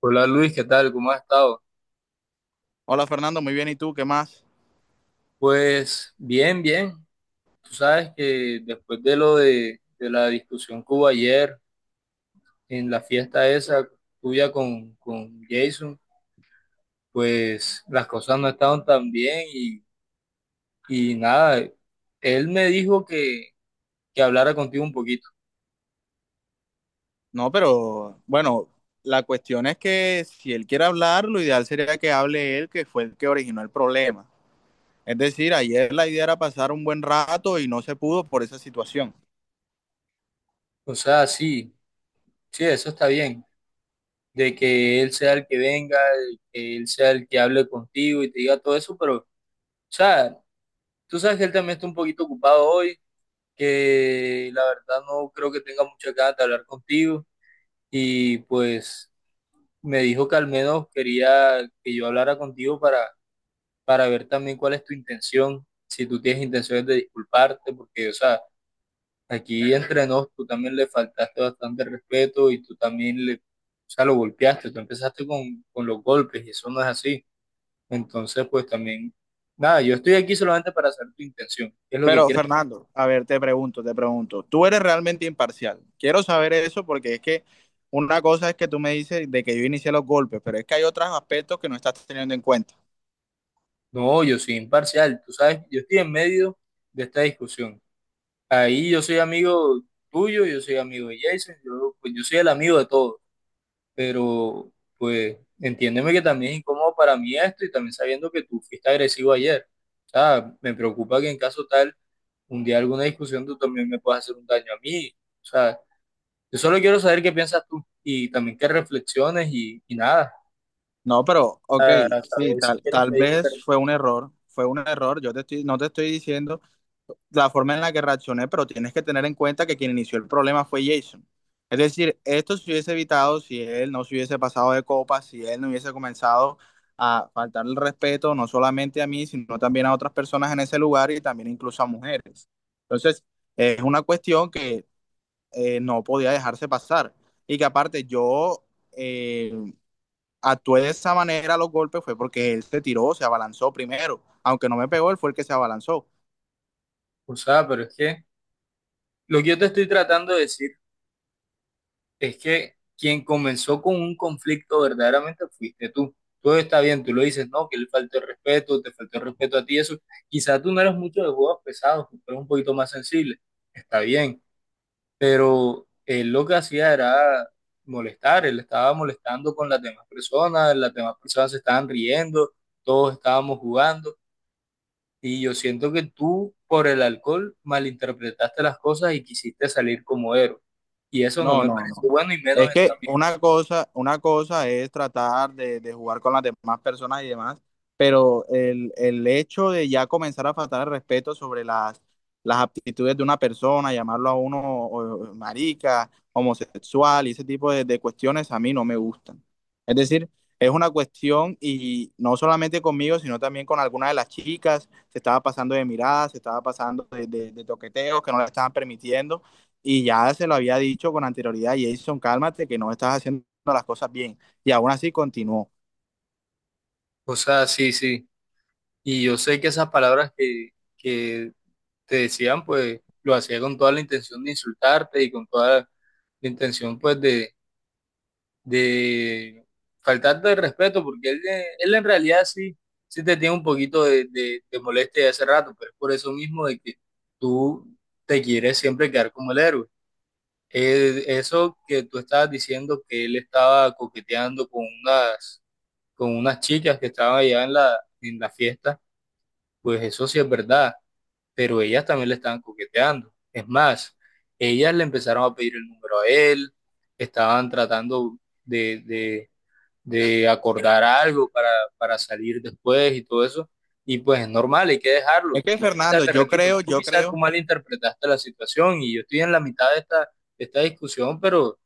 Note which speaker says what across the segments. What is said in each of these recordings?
Speaker 1: Hola Luis, ¿qué tal? ¿Cómo has estado?
Speaker 2: Hola Fernando, muy bien. ¿Y tú qué más?
Speaker 1: Pues bien, bien. Tú sabes que después de lo de la discusión que hubo ayer en la fiesta esa tuya con Jason, pues las cosas no estaban tan bien y nada, él me dijo que hablara contigo un poquito.
Speaker 2: No, pero bueno, la cuestión es que si él quiere hablar, lo ideal sería que hable él, que fue el que originó el problema. Es decir, ayer la idea era pasar un buen rato y no se pudo por esa situación.
Speaker 1: O sea, sí, sí, eso está bien, de que él sea el que venga, de que él sea el que hable contigo y te diga todo eso, pero, o sea, tú sabes que él también está un poquito ocupado hoy, que la verdad no creo que tenga muchas ganas de hablar contigo y pues me dijo que al menos quería que yo hablara contigo para ver también cuál es tu intención, si tú tienes intenciones de disculparte, porque, o sea, aquí entre nos tú también le faltaste bastante respeto y tú también le, o sea, lo golpeaste, tú empezaste con los golpes y eso no es así. Entonces, pues también, nada, yo estoy aquí solamente para saber tu intención, qué es lo que
Speaker 2: Pero
Speaker 1: quieres.
Speaker 2: Fernando, a ver, te pregunto, tú eres realmente imparcial. Quiero saber eso porque es que una cosa es que tú me dices de que yo inicié los golpes, pero es que hay otros aspectos que no estás teniendo en cuenta.
Speaker 1: No, yo soy imparcial, tú sabes, yo estoy en medio de esta discusión. Ahí yo soy amigo tuyo, yo soy amigo de Jason, yo, pues yo soy el amigo de todos, pero pues entiéndeme que también es incómodo para mí esto y también sabiendo que tú fuiste agresivo ayer. O sea, me preocupa que, en caso tal, un día, alguna discusión, tú también me puedas hacer un daño a mí. O sea, yo solo quiero saber qué piensas tú y también que reflexiones y nada,
Speaker 2: No, pero, ok,
Speaker 1: para
Speaker 2: sí,
Speaker 1: saber si
Speaker 2: tal,
Speaker 1: quieres
Speaker 2: tal
Speaker 1: pedir
Speaker 2: vez
Speaker 1: perdón.
Speaker 2: fue un error, no te estoy diciendo la forma en la que reaccioné, pero tienes que tener en cuenta que quien inició el problema fue Jason. Es decir, esto se hubiese evitado si él no se hubiese pasado de copa, si él no hubiese comenzado a faltar el respeto, no solamente a mí, sino también a otras personas en ese lugar y también incluso a mujeres. Entonces, es una cuestión que no podía dejarse pasar y que aparte eh, actué de esa manera. Los golpes fue porque él se tiró, se abalanzó primero. Aunque no me pegó, él fue el que se abalanzó.
Speaker 1: O sea, pero es que lo que yo te estoy tratando de decir es que quien comenzó con un conflicto verdaderamente fuiste tú. Todo está bien, tú lo dices, no, que le faltó el respeto, te faltó el respeto a ti, eso. Quizás tú no eres mucho de juegos pesados, tú eres un poquito más sensible, está bien, pero él lo que hacía era molestar, él estaba molestando con las demás personas se estaban riendo, todos estábamos jugando, y yo siento que tú, por el alcohol, malinterpretaste las cosas y quisiste salir como héroe, y eso no
Speaker 2: No,
Speaker 1: me
Speaker 2: no,
Speaker 1: parece
Speaker 2: no.
Speaker 1: bueno y menos
Speaker 2: Es
Speaker 1: en tu
Speaker 2: que
Speaker 1: amigo.
Speaker 2: una cosa es tratar de, jugar con las demás personas y demás, pero el hecho de ya comenzar a faltar el respeto sobre las aptitudes de una persona, llamarlo a uno o marica, homosexual y ese tipo de cuestiones a mí no me gustan. Es decir, es una cuestión y no solamente conmigo, sino también con algunas de las chicas. Se estaba pasando de miradas, se estaba pasando de, de toqueteos que no le estaban permitiendo, y ya se lo había dicho con anterioridad: Jason, cálmate, que no estás haciendo las cosas bien. Y aún así continuó.
Speaker 1: O sea, sí, sí. Y yo sé que esas palabras que te decían, pues lo hacía con toda la intención de insultarte y con toda la intención, pues, de faltarte el respeto, porque él, él en realidad sí, sí te tiene un poquito de molestia de hace rato, pero es por eso mismo de que tú te quieres siempre quedar como el héroe. Eso que tú estabas diciendo que él estaba coqueteando con unas chicas que estaban allá en la fiesta. Pues eso sí es verdad, pero ellas también le estaban coqueteando. Es más, ellas le empezaron a pedir el número a él, estaban tratando de, de- de acordar algo para salir después y todo eso. Y pues es normal, hay que dejarlo.
Speaker 2: Es que
Speaker 1: Ya
Speaker 2: Fernando,
Speaker 1: te repito, tú quizás tú malinterpretaste la situación y yo estoy en la mitad de esta discusión,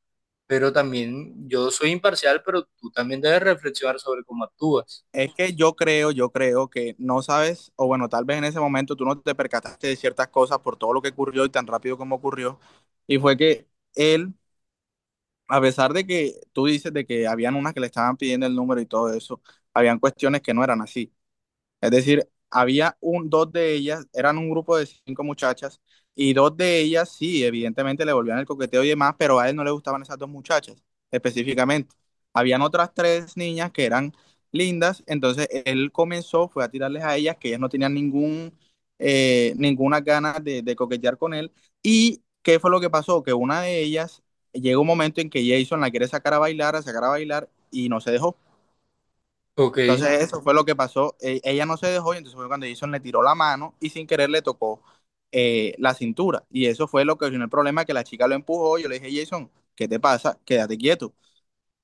Speaker 1: pero también yo soy imparcial, pero tú también debes reflexionar sobre cómo actúas.
Speaker 2: es que yo creo que no sabes, o bueno, tal vez en ese momento tú no te percataste de ciertas cosas por todo lo que ocurrió y tan rápido como ocurrió. Y fue que él, a pesar de que tú dices de que habían unas que le estaban pidiendo el número y todo eso, habían cuestiones que no eran así. Es decir, había dos de ellas, eran un grupo de cinco muchachas, y dos de ellas sí, evidentemente le volvían el coqueteo y demás, pero a él no le gustaban esas dos muchachas específicamente. Habían otras tres niñas que eran lindas, entonces él comenzó, fue a tirarles a ellas, que ellas no tenían ninguna ganas de, coquetear con él. ¿Y qué fue lo que pasó? Que una de ellas, llega un momento en que Jason la quiere sacar a bailar, y no se dejó.
Speaker 1: Ok,
Speaker 2: Entonces eso fue lo que pasó. Ella no se dejó y entonces fue cuando Jason le tiró la mano y sin querer le tocó la cintura. Y eso fue lo que originó el problema, que la chica lo empujó. Yo le dije: Jason, ¿qué te pasa? Quédate quieto.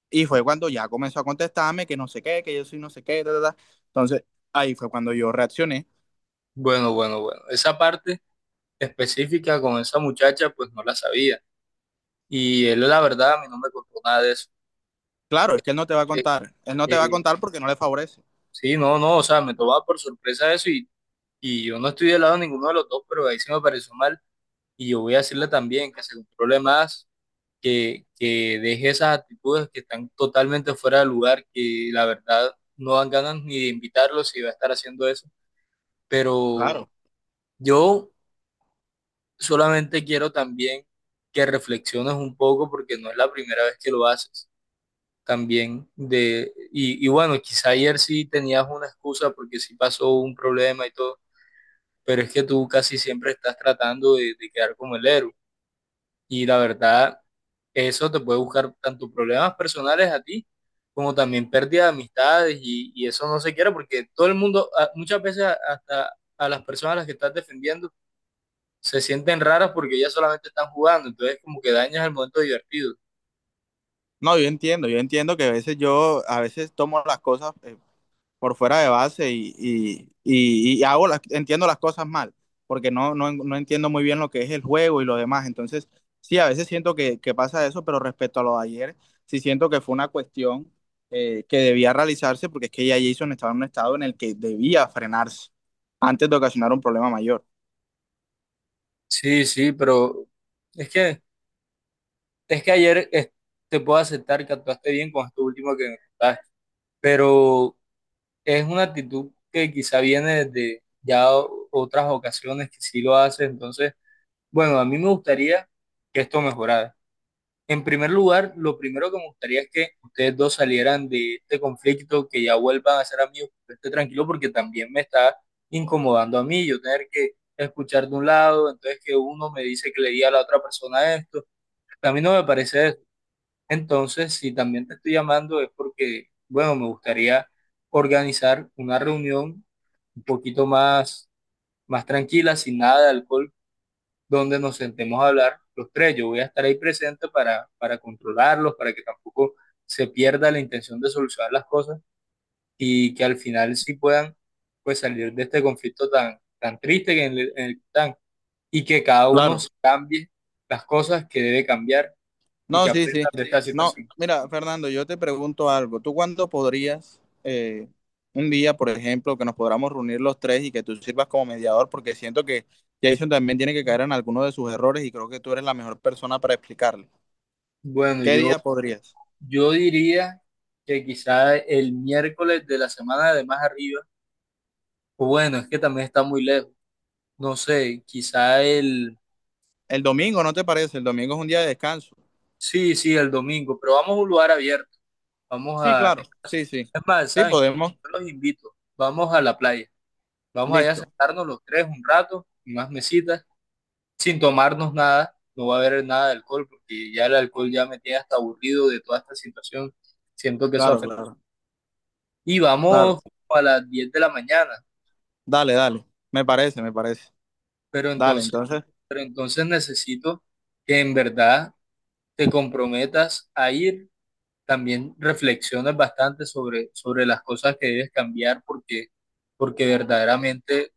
Speaker 2: Y fue cuando ya comenzó a contestarme que no sé qué, que yo soy no sé qué, ta, ta, ta. Entonces ahí fue cuando yo reaccioné.
Speaker 1: bueno, bueno, bueno. Esa parte específica con esa muchacha, pues no la sabía. Y él, la verdad, a mí no me contó nada de eso.
Speaker 2: Claro, es que él no te va a
Speaker 1: Eh,
Speaker 2: contar. Él no te va a
Speaker 1: eh,
Speaker 2: contar porque no le favorece.
Speaker 1: sí, no, no, o sea, me tomaba por sorpresa eso y yo no estoy del lado de ninguno de los dos, pero ahí sí me pareció mal. Y yo voy a decirle también que se controle más, que deje esas actitudes que están totalmente fuera de lugar, que la verdad no dan ganas ni de invitarlo si va a estar haciendo eso. Pero
Speaker 2: Claro.
Speaker 1: yo solamente quiero también que reflexiones un poco porque no es la primera vez que lo haces también de, y bueno, quizá ayer sí tenías una excusa porque sí pasó un problema y todo, pero es que tú casi siempre estás tratando de quedar como el héroe. Y la verdad, eso te puede buscar tanto problemas personales a ti como también pérdida de amistades y eso no se quiere, porque todo el mundo, muchas veces hasta a las personas a las que estás defendiendo se sienten raras porque ellas solamente están jugando, entonces como que dañas el momento divertido.
Speaker 2: No, yo entiendo, que a veces a veces tomo las cosas por fuera de base y, entiendo las cosas mal, porque no entiendo muy bien lo que es el juego y lo demás. Entonces, sí, a veces siento que pasa eso, pero respecto a lo de ayer, sí siento que fue una cuestión que debía realizarse, porque es que ya Jason estaba en un estado en el que debía frenarse antes de ocasionar un problema mayor.
Speaker 1: Sí, sí, pero es que Es que ayer, te puedo aceptar que actuaste bien con esto último que me contaste, pero es una actitud que quizá viene desde ya otras ocasiones que sí lo haces, entonces, bueno, a mí me gustaría que esto mejorara. En primer lugar, lo primero que me gustaría es que ustedes dos salieran de este conflicto, que ya vuelvan a ser amigos, que yo esté tranquilo, porque también me está incomodando a mí, yo tener que escuchar de un lado, entonces, que uno me dice que le di a la otra persona esto, a mí no me parece. Entonces, si también te estoy llamando es porque, bueno, me gustaría organizar una reunión un poquito más tranquila, sin nada de alcohol, donde nos sentemos a hablar los tres. Yo voy a estar ahí presente para controlarlos, para que tampoco se pierda la intención de solucionar las cosas y que al final sí puedan pues salir de este conflicto tan triste, en el que están, y que cada uno
Speaker 2: Claro.
Speaker 1: cambie las cosas que debe cambiar y
Speaker 2: No,
Speaker 1: que
Speaker 2: sí,
Speaker 1: aprenda
Speaker 2: sí.
Speaker 1: de esta
Speaker 2: No,
Speaker 1: situación.
Speaker 2: mira, Fernando, yo te pregunto algo. ¿Tú cuándo podrías, un día, por ejemplo, que nos podamos reunir los tres y que tú sirvas como mediador? Porque siento que Jason también tiene que caer en alguno de sus errores y creo que tú eres la mejor persona para explicarle.
Speaker 1: Bueno,
Speaker 2: ¿Qué
Speaker 1: yo
Speaker 2: día podrías?
Speaker 1: Yo diría que quizá el miércoles de la semana de más arriba, o bueno, es que también está muy lejos, no sé, quizá el,
Speaker 2: El domingo, ¿no te parece? El domingo es un día de descanso.
Speaker 1: sí, sí, el domingo, pero vamos a un lugar abierto, vamos
Speaker 2: Sí,
Speaker 1: a,
Speaker 2: claro.
Speaker 1: es más,
Speaker 2: Sí, sí. Sí,
Speaker 1: ¿saben qué?
Speaker 2: podemos.
Speaker 1: Yo los invito, vamos a la playa, vamos allá a
Speaker 2: Listo.
Speaker 1: sentarnos los tres un rato, unas mesitas, sin tomarnos nada, no va a haber nada de alcohol, porque ya el alcohol ya me tiene hasta aburrido de toda esta situación, siento que eso
Speaker 2: Claro,
Speaker 1: afecta.
Speaker 2: claro,
Speaker 1: Y
Speaker 2: claro.
Speaker 1: vamos como a las 10 de la mañana.
Speaker 2: Dale, dale. Me parece, me parece.
Speaker 1: Pero
Speaker 2: Dale,
Speaker 1: entonces,
Speaker 2: entonces.
Speaker 1: pero entonces necesito que en verdad te comprometas a ir, también reflexiones bastante sobre las cosas que debes cambiar, porque verdaderamente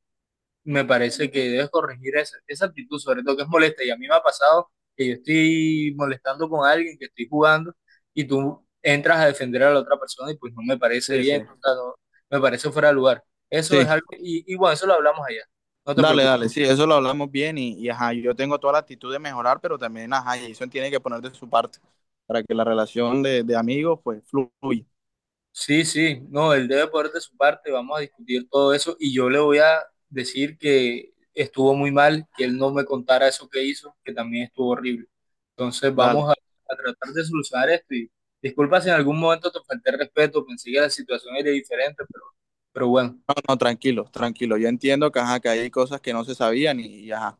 Speaker 1: me parece que debes corregir esa actitud, sobre todo que es molesta. Y a mí me ha pasado que yo estoy molestando con alguien, que estoy jugando, y tú entras a defender a la otra persona y pues no me parece
Speaker 2: Sí, sí.
Speaker 1: bien, o sea, me parece fuera de lugar. Eso es
Speaker 2: Sí.
Speaker 1: algo, y bueno, eso lo hablamos allá, no te
Speaker 2: Dale,
Speaker 1: preocupes.
Speaker 2: dale, sí, eso lo hablamos bien y, ajá, yo tengo toda la actitud de mejorar, pero también ajá, Jason tiene que poner de su parte para que la relación de, amigos pues fluya.
Speaker 1: Sí, sí, no, él debe poner de su parte, vamos a discutir todo eso y yo le voy a decir que estuvo muy mal, que él no me contara eso que hizo, que también estuvo horrible. Entonces vamos
Speaker 2: Dale,
Speaker 1: a tratar de solucionar esto y disculpa si en algún momento te falté el respeto, pensé que la situación era diferente, pero bueno,
Speaker 2: no, no, tranquilo, tranquilo. Yo entiendo que ajá, que hay cosas que no se sabían y, ajá,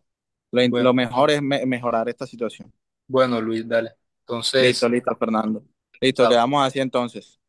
Speaker 1: bueno,
Speaker 2: lo mejor es mejorar esta situación.
Speaker 1: bueno, Luis, dale.
Speaker 2: Listo,
Speaker 1: Entonces,
Speaker 2: listo, Fernando. Listo,
Speaker 1: chao.
Speaker 2: quedamos así entonces.